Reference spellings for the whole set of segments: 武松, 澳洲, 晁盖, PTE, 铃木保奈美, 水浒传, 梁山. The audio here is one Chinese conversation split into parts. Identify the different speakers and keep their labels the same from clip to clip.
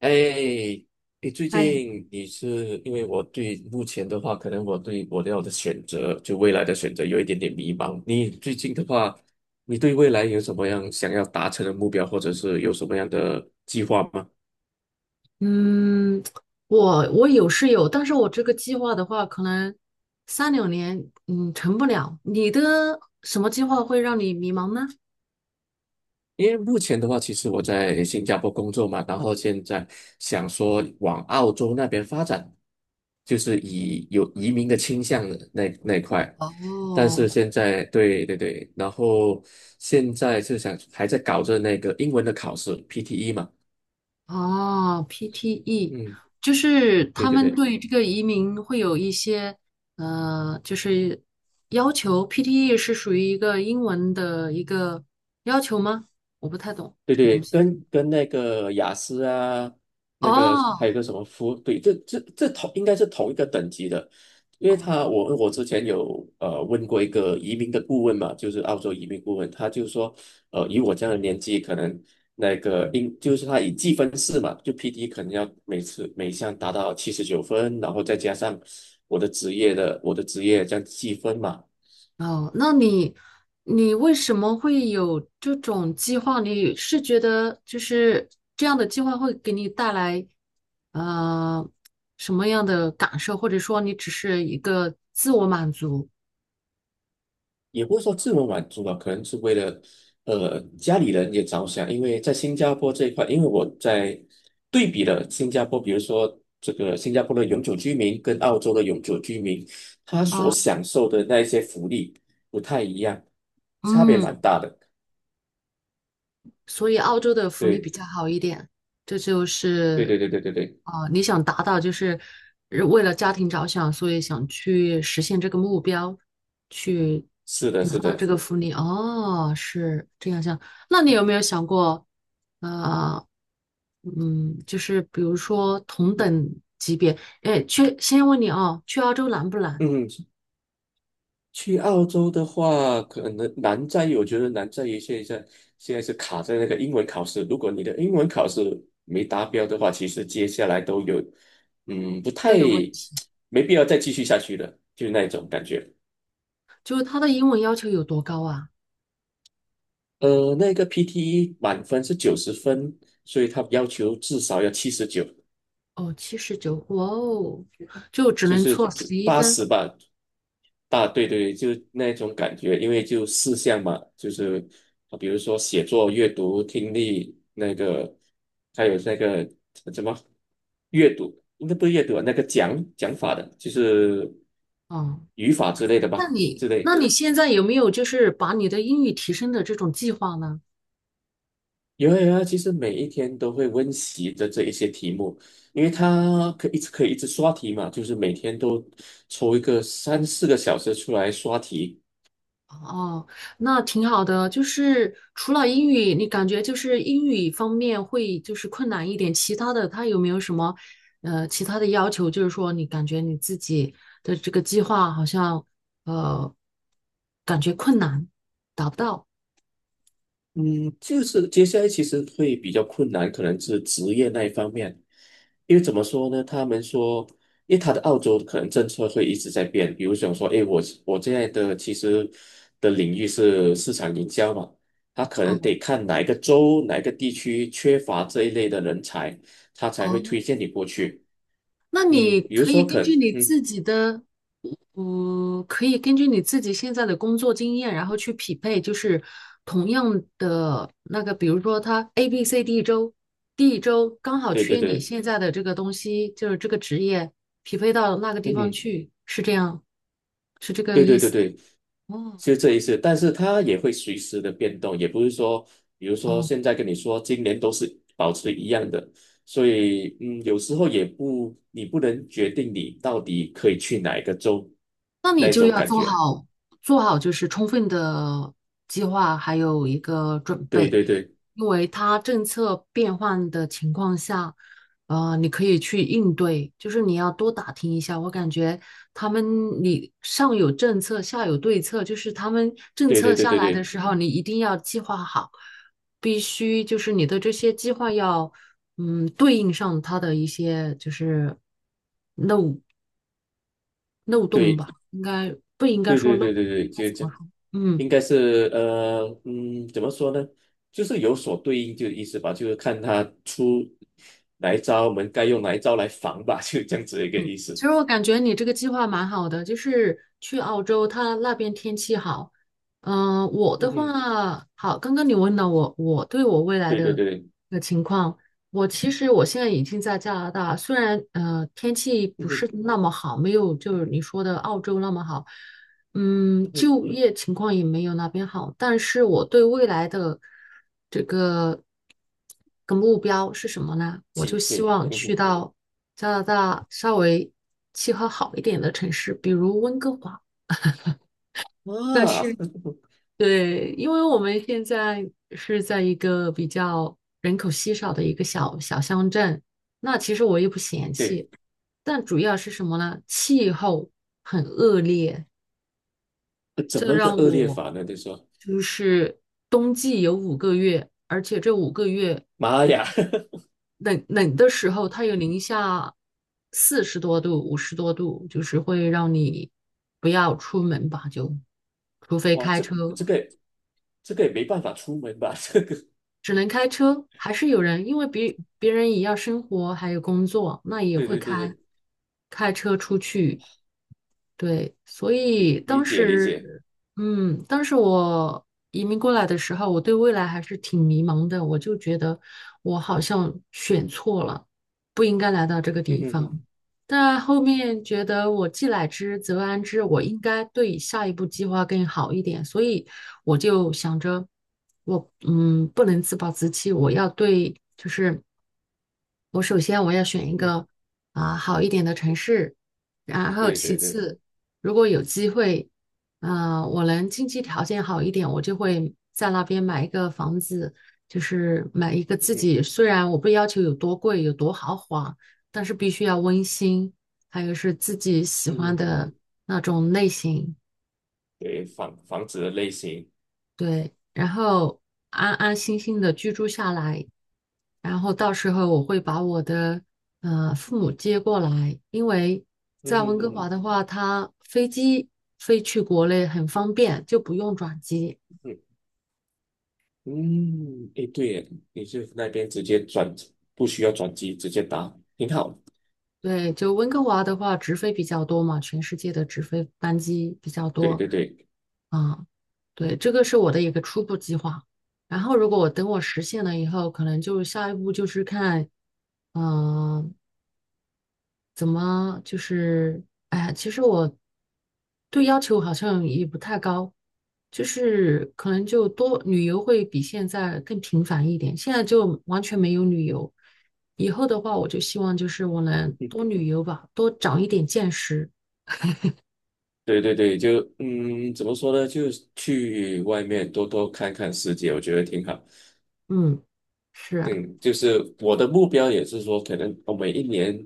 Speaker 1: 哎，你最
Speaker 2: 哎，
Speaker 1: 近你是因为我对目前的话，可能我要的选择，就未来的选择有一点点迷茫。你最近的话，你对未来有什么样想要达成的目标，或者是有什么样的计划吗？
Speaker 2: 嗯，我有是有，但是我这个计划的话，可能三两年，成不了。你的什么计划会让你迷茫呢？
Speaker 1: 因为目前的话，其实我在新加坡工作嘛，然后现在想说往澳洲那边发展，就是以有移民的倾向的那一块。但
Speaker 2: 哦，
Speaker 1: 是现在，对对对，然后现在是想还在搞着那个英文的考试 PTE 嘛，
Speaker 2: 哦，PTE，
Speaker 1: 嗯，
Speaker 2: 就是
Speaker 1: 对
Speaker 2: 他
Speaker 1: 对
Speaker 2: 们
Speaker 1: 对。
Speaker 2: 对这个移民会有一些，就是要求。PTE 是属于一个英文的一个要求吗？我不太懂
Speaker 1: 对
Speaker 2: 这个
Speaker 1: 对，
Speaker 2: 东西。
Speaker 1: 跟那个雅思啊，那个
Speaker 2: 哦，
Speaker 1: 还有个什么夫，对，这同应该是同一个等级的，因为
Speaker 2: 哦，
Speaker 1: 我之前有问过一个移民的顾问嘛，就是澳洲移民顾问，他就说，以我这样的年纪，可能那个就是他以计分制嘛，就 PD 可能要每次每项达到79分，然后再加上我的职业这样计分嘛。
Speaker 2: 哦，那你为什么会有这种计划？你是觉得就是这样的计划会给你带来呃什么样的感受，或者说你只是一个自我满足？
Speaker 1: 也不是说自我满足吧，可能是为了家里人也着想，因为在新加坡这一块，因为我在对比了新加坡，比如说这个新加坡的永久居民跟澳洲的永久居民，他所
Speaker 2: 啊。
Speaker 1: 享受的那一些福利不太一样，差别
Speaker 2: 嗯。
Speaker 1: 蛮大的。
Speaker 2: 所以澳洲的福利比
Speaker 1: 对，
Speaker 2: 较好一点。这就
Speaker 1: 对
Speaker 2: 是，
Speaker 1: 对对对对对，
Speaker 2: 啊、你想达到就是为了家庭着想，所以想去实现这个目标，去
Speaker 1: 是的，
Speaker 2: 拿
Speaker 1: 是
Speaker 2: 到这
Speaker 1: 的，
Speaker 2: 个福利。哦，是这样想。那你有没有想过，呃，就是比如说同等级别，哎，去先问你啊，去澳洲难不难？
Speaker 1: 嗯。去澳洲的话，可能难在于，我觉得难在于现在是卡在那个英文考试。如果你的英文考试没达标的话，其实接下来都有，嗯，不
Speaker 2: 都
Speaker 1: 太
Speaker 2: 有问题，
Speaker 1: 没必要再继续下去了，就是那一种感觉。
Speaker 2: 就是他的英文要求有多高啊？
Speaker 1: 那个 PTE 满分是90分，所以他要求至少要七十九。
Speaker 2: 哦，79，哇哦，就只
Speaker 1: 就
Speaker 2: 能
Speaker 1: 是
Speaker 2: 错11
Speaker 1: 八
Speaker 2: 分
Speaker 1: 十吧，对对，就那种感觉，因为就四项嘛，就是比如说写作、阅读、听力，那个还有那个怎么阅读，应该不是阅读啊那个讲法的，就是
Speaker 2: 哦。
Speaker 1: 语法之类的吧，
Speaker 2: 那你，
Speaker 1: 之
Speaker 2: 那
Speaker 1: 类。
Speaker 2: 你现在有没有就是把你的英语提升的这种计划呢？
Speaker 1: 有啊有啊，其实每一天都会温习的这一些题目，因为它可以一直刷题嘛，就是每天都抽一个三四个小时出来刷题。
Speaker 2: 哦，那挺好的。就是除了英语，你感觉就是英语方面会就是困难一点，其他的他有没有什么其他的要求？就是说你感觉你自己的这个计划好像呃感觉困难，达不到。
Speaker 1: 嗯，就是接下来其实会比较困难，可能是职业那一方面，因为怎么说呢？他们说，因为他的澳洲可能政策会一直在变，比如想说，诶，我现在的其实的领域是市场营销嘛，他可能
Speaker 2: 哦
Speaker 1: 得看哪一个州、哪一个地区缺乏这一类的人才，他才会
Speaker 2: 哦，
Speaker 1: 推荐你过去。
Speaker 2: 那你
Speaker 1: 嗯，比如
Speaker 2: 可以
Speaker 1: 说
Speaker 2: 根据你
Speaker 1: 嗯，
Speaker 2: 自己的可以根据你自己现在的工作经验，然后去匹配，就是同样的那个，比如说他 A、B、C、D 周，D 周刚好
Speaker 1: 对对
Speaker 2: 缺你
Speaker 1: 对，
Speaker 2: 现在的这个东西，就是这个职业，匹配到那个地方
Speaker 1: 嗯。
Speaker 2: 去，是这样，是这个
Speaker 1: 对
Speaker 2: 意
Speaker 1: 对对
Speaker 2: 思。
Speaker 1: 对，
Speaker 2: 哦
Speaker 1: 就这一次，但是它也会随时的变动，也不是说，比如说
Speaker 2: 哦
Speaker 1: 现在跟你说今年都是保持一样的，所以有时候也不，你不能决定你到底可以去哪一个州，
Speaker 2: 那你
Speaker 1: 那
Speaker 2: 就
Speaker 1: 种
Speaker 2: 要
Speaker 1: 感
Speaker 2: 做
Speaker 1: 觉。
Speaker 2: 好就是充分的计划，还有一个准
Speaker 1: 对
Speaker 2: 备，
Speaker 1: 对对
Speaker 2: 因为它政策变换的情况下，你可以去应对，就是你要多打听一下。我感觉他们你上有政策，下有对策，就是他们政
Speaker 1: 对
Speaker 2: 策
Speaker 1: 对对
Speaker 2: 下
Speaker 1: 对
Speaker 2: 来的
Speaker 1: 对
Speaker 2: 时候，你一定要计划好，必须就是你的这些计划要对应上他的一些就是。漏洞吧，
Speaker 1: 对
Speaker 2: 应该不应该
Speaker 1: 对
Speaker 2: 说
Speaker 1: 对
Speaker 2: 漏洞，
Speaker 1: 对对对，
Speaker 2: 应该
Speaker 1: 就
Speaker 2: 怎
Speaker 1: 是这
Speaker 2: 么
Speaker 1: 样，
Speaker 2: 说？嗯，
Speaker 1: 应该是怎么说呢？就是有所对应就意思吧，就是看他出哪一招，我们该用哪一招来防吧，就这样子一个意
Speaker 2: 其
Speaker 1: 思。
Speaker 2: 实我感觉你这个计划蛮好的，就是去澳洲，它那边天气好。嗯、我
Speaker 1: 嗯
Speaker 2: 的
Speaker 1: 哼，
Speaker 2: 话，好，刚刚你问了我，我对我未来
Speaker 1: 对对
Speaker 2: 的
Speaker 1: 对对，
Speaker 2: 的情况，我其实我现在已经在加拿大，虽然天气
Speaker 1: 嗯
Speaker 2: 不是
Speaker 1: 哼，
Speaker 2: 那么好，没有就是你说的澳洲那么好，
Speaker 1: 嗯哼，
Speaker 2: 就业情况也没有那边好，但是我对未来的这个目标是什么呢？我就希
Speaker 1: 对
Speaker 2: 望去
Speaker 1: 嗯
Speaker 2: 到加拿大稍微气候好一点的城市，比如温哥华。
Speaker 1: 哼，
Speaker 2: 但
Speaker 1: 啊，
Speaker 2: 是，对，因为我们现在是在一个比较人口稀少的一个小小乡镇，那其实我也不嫌
Speaker 1: 对，
Speaker 2: 弃，但主要是什么呢？气候很恶劣。
Speaker 1: 怎
Speaker 2: 这
Speaker 1: 么个
Speaker 2: 让
Speaker 1: 恶劣
Speaker 2: 我
Speaker 1: 法呢？你说，
Speaker 2: 就是冬季有五个月，而且这五个月
Speaker 1: 妈呀，
Speaker 2: 冷冷的时候，它有零下40多度、50多度，就是会让你不要出门吧，就除 非
Speaker 1: 哇，
Speaker 2: 开
Speaker 1: 这
Speaker 2: 车，
Speaker 1: 这个这个也没办法出门吧？这个，
Speaker 2: 只能开车，还是有人，因为别人也要生活还有工作，那也
Speaker 1: 对
Speaker 2: 会
Speaker 1: 对对
Speaker 2: 开
Speaker 1: 对，
Speaker 2: 车出去，对，所
Speaker 1: 理
Speaker 2: 以
Speaker 1: 理
Speaker 2: 当
Speaker 1: 解理解，
Speaker 2: 时，当时我移民过来的时候，我对未来还是挺迷茫的，我就觉得我好像选错了，不应该来到这个
Speaker 1: 嗯
Speaker 2: 地
Speaker 1: 哼，哼
Speaker 2: 方。但后面觉得我既来之则安之，我应该对下一步计划更好一点，所以我就想着，我不能自暴自弃，我要对就是。我首先要选一
Speaker 1: 嗯
Speaker 2: 个啊、好一点的城市，然后
Speaker 1: 对
Speaker 2: 其
Speaker 1: 对对
Speaker 2: 次，如果有机会，啊、我能经济条件好一点，我就会在那边买一个房子，就是买一个
Speaker 1: 嗯
Speaker 2: 自
Speaker 1: 哼
Speaker 2: 己，虽然我不要求有多贵，有多豪华，但是必须要温馨，还有是自己喜欢
Speaker 1: 嗯哼
Speaker 2: 的那种类型，
Speaker 1: 对，房子的类型，
Speaker 2: 对，然后安安心心的居住下来。然后到时候我会把我的父母接过来，因为
Speaker 1: 嗯
Speaker 2: 在温
Speaker 1: 哼嗯
Speaker 2: 哥华
Speaker 1: 哼
Speaker 2: 的话，它飞机飞去国内很方便，就不用转机。
Speaker 1: 嗯嗯，诶，对耶，你是那边直接转，不需要转机，直接打，挺好。
Speaker 2: 对，就温哥华的话，直飞比较多嘛，全世界的直飞班机比较
Speaker 1: 对
Speaker 2: 多
Speaker 1: 对对，
Speaker 2: 啊。对，这个是我的一个初步计划。然后，如果我等我实现了以后，可能就下一步就是看，嗯、怎么就是，哎呀，其实我对要求好像也不太高，就是可能就多旅游会比现在更频繁一点，现在就完全没有旅游。以后的话，我就希望就是我能多旅游吧，多长一点见识。
Speaker 1: 对对对，怎么说呢？就是去外面多多看看世界，我觉得挺好。
Speaker 2: 嗯，是啊，
Speaker 1: 嗯，就是我的目标也是说，可能我每一年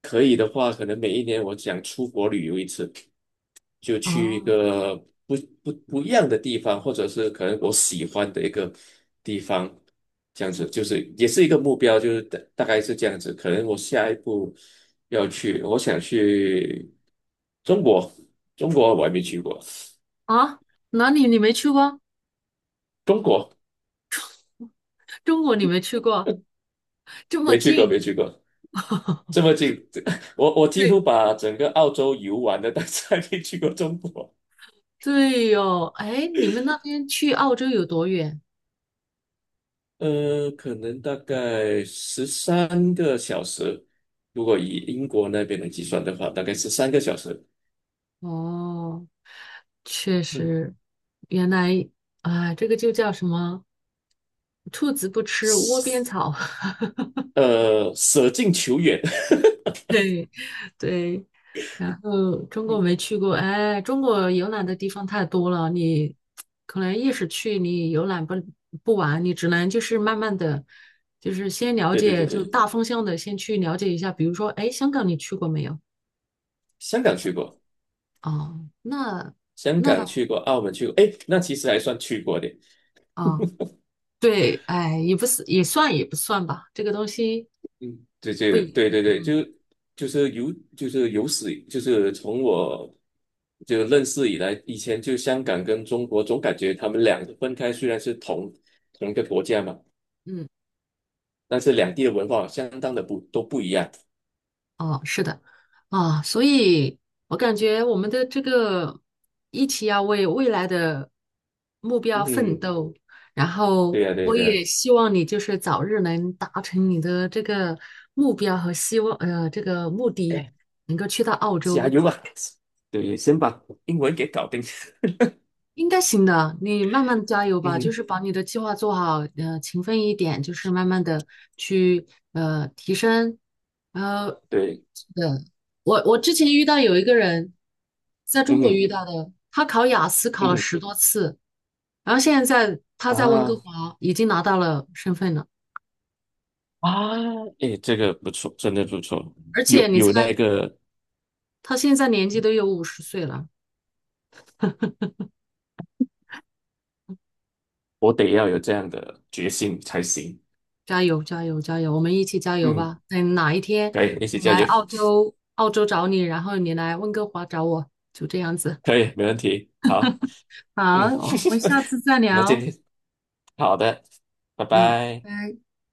Speaker 1: 可以的话，可能每一年我想出国旅游一次，就去一
Speaker 2: 哦
Speaker 1: 个不不一样的地方，或者是可能我喜欢的一个地方，这样子就是也是一个目标，就是大概是这样子。可能我下一步要去，我想去中国，中国我还没去过。
Speaker 2: 啊，哪里你没去过？
Speaker 1: 中国
Speaker 2: 中国你没去过，这么
Speaker 1: 没去过，没
Speaker 2: 近。
Speaker 1: 去过，这 么近，我几乎
Speaker 2: 对
Speaker 1: 把整个澳洲游玩的，但是还没去过中国。
Speaker 2: 对哟，哎，你们那边去澳洲有多远？
Speaker 1: 可能大概十三个小时，如果以英国那边来计算的话，大概十三个小时。
Speaker 2: 哦。确
Speaker 1: 嗯，
Speaker 2: 实，原来啊，这个就叫什么？兔子不吃窝边草。
Speaker 1: 舍近求远。
Speaker 2: 对对，然后中 国
Speaker 1: 嗯，
Speaker 2: 没去过，哎，中国游览的地方太多了，你可能一时去你游览不完，你只能就是慢慢的，就是先了
Speaker 1: 对对对
Speaker 2: 解，就
Speaker 1: 对，
Speaker 2: 大方向的先去了解一下。比如说，哎，香港你去过没有？
Speaker 1: 香港去过，
Speaker 2: 哦，那
Speaker 1: 香
Speaker 2: 那
Speaker 1: 港
Speaker 2: 倒
Speaker 1: 去过，澳门去过，诶，那其实还算去过的。
Speaker 2: 啊，对，哎，也不是也算也不算吧，这个东西
Speaker 1: 嗯，这这
Speaker 2: 不
Speaker 1: 个
Speaker 2: 一，
Speaker 1: 对对对，
Speaker 2: 嗯。
Speaker 1: 就是有就是有史以就是从我就认识以来，以前就香港跟中国总感觉他们两个分开，虽然是同一个国家嘛，
Speaker 2: 嗯，
Speaker 1: 但是两地的文化相当的不都不一样。
Speaker 2: 哦，是的，啊，所以我感觉我们的这个一起要为未来的目标奋
Speaker 1: 嗯，
Speaker 2: 斗，然后
Speaker 1: 对呀、对
Speaker 2: 我
Speaker 1: 对呀、
Speaker 2: 也希望你就是早日能达成你的这个目标和希望，这个目的
Speaker 1: 哎，
Speaker 2: 能够去到澳
Speaker 1: 加
Speaker 2: 洲，
Speaker 1: 油吧！对，先把英文给搞定。
Speaker 2: 应该行的，你慢慢加油吧，就
Speaker 1: 嗯，
Speaker 2: 是把你的计划做好，勤奋一点，就是慢慢的去提升，呃，
Speaker 1: 对，
Speaker 2: 是的，我之前遇到有一个人，在
Speaker 1: 嗯
Speaker 2: 中国
Speaker 1: 哼
Speaker 2: 遇到的，他考雅思考
Speaker 1: 嗯
Speaker 2: 了
Speaker 1: 哼
Speaker 2: 10多次，然后现在他在温哥
Speaker 1: 啊
Speaker 2: 华已经拿到了身份了，
Speaker 1: 啊，哎，这个不错，真的不错，
Speaker 2: 而
Speaker 1: 有
Speaker 2: 且你
Speaker 1: 有那
Speaker 2: 猜
Speaker 1: 个
Speaker 2: 他现在年纪都有50岁了。
Speaker 1: 我得要有这样的决心才行。
Speaker 2: 加油，加油，加油！我们一起加油
Speaker 1: 嗯，
Speaker 2: 吧！等哪一天
Speaker 1: 可以，一起
Speaker 2: 我
Speaker 1: 加
Speaker 2: 来
Speaker 1: 油，
Speaker 2: 澳洲，澳洲找你，然后你来温哥华找我，就这样子。
Speaker 1: 可以，没问题。好，
Speaker 2: 好，
Speaker 1: 嗯，
Speaker 2: 我们下次再
Speaker 1: 那今
Speaker 2: 聊。
Speaker 1: 天好的，拜
Speaker 2: 嗯，
Speaker 1: 拜。
Speaker 2: 拜拜。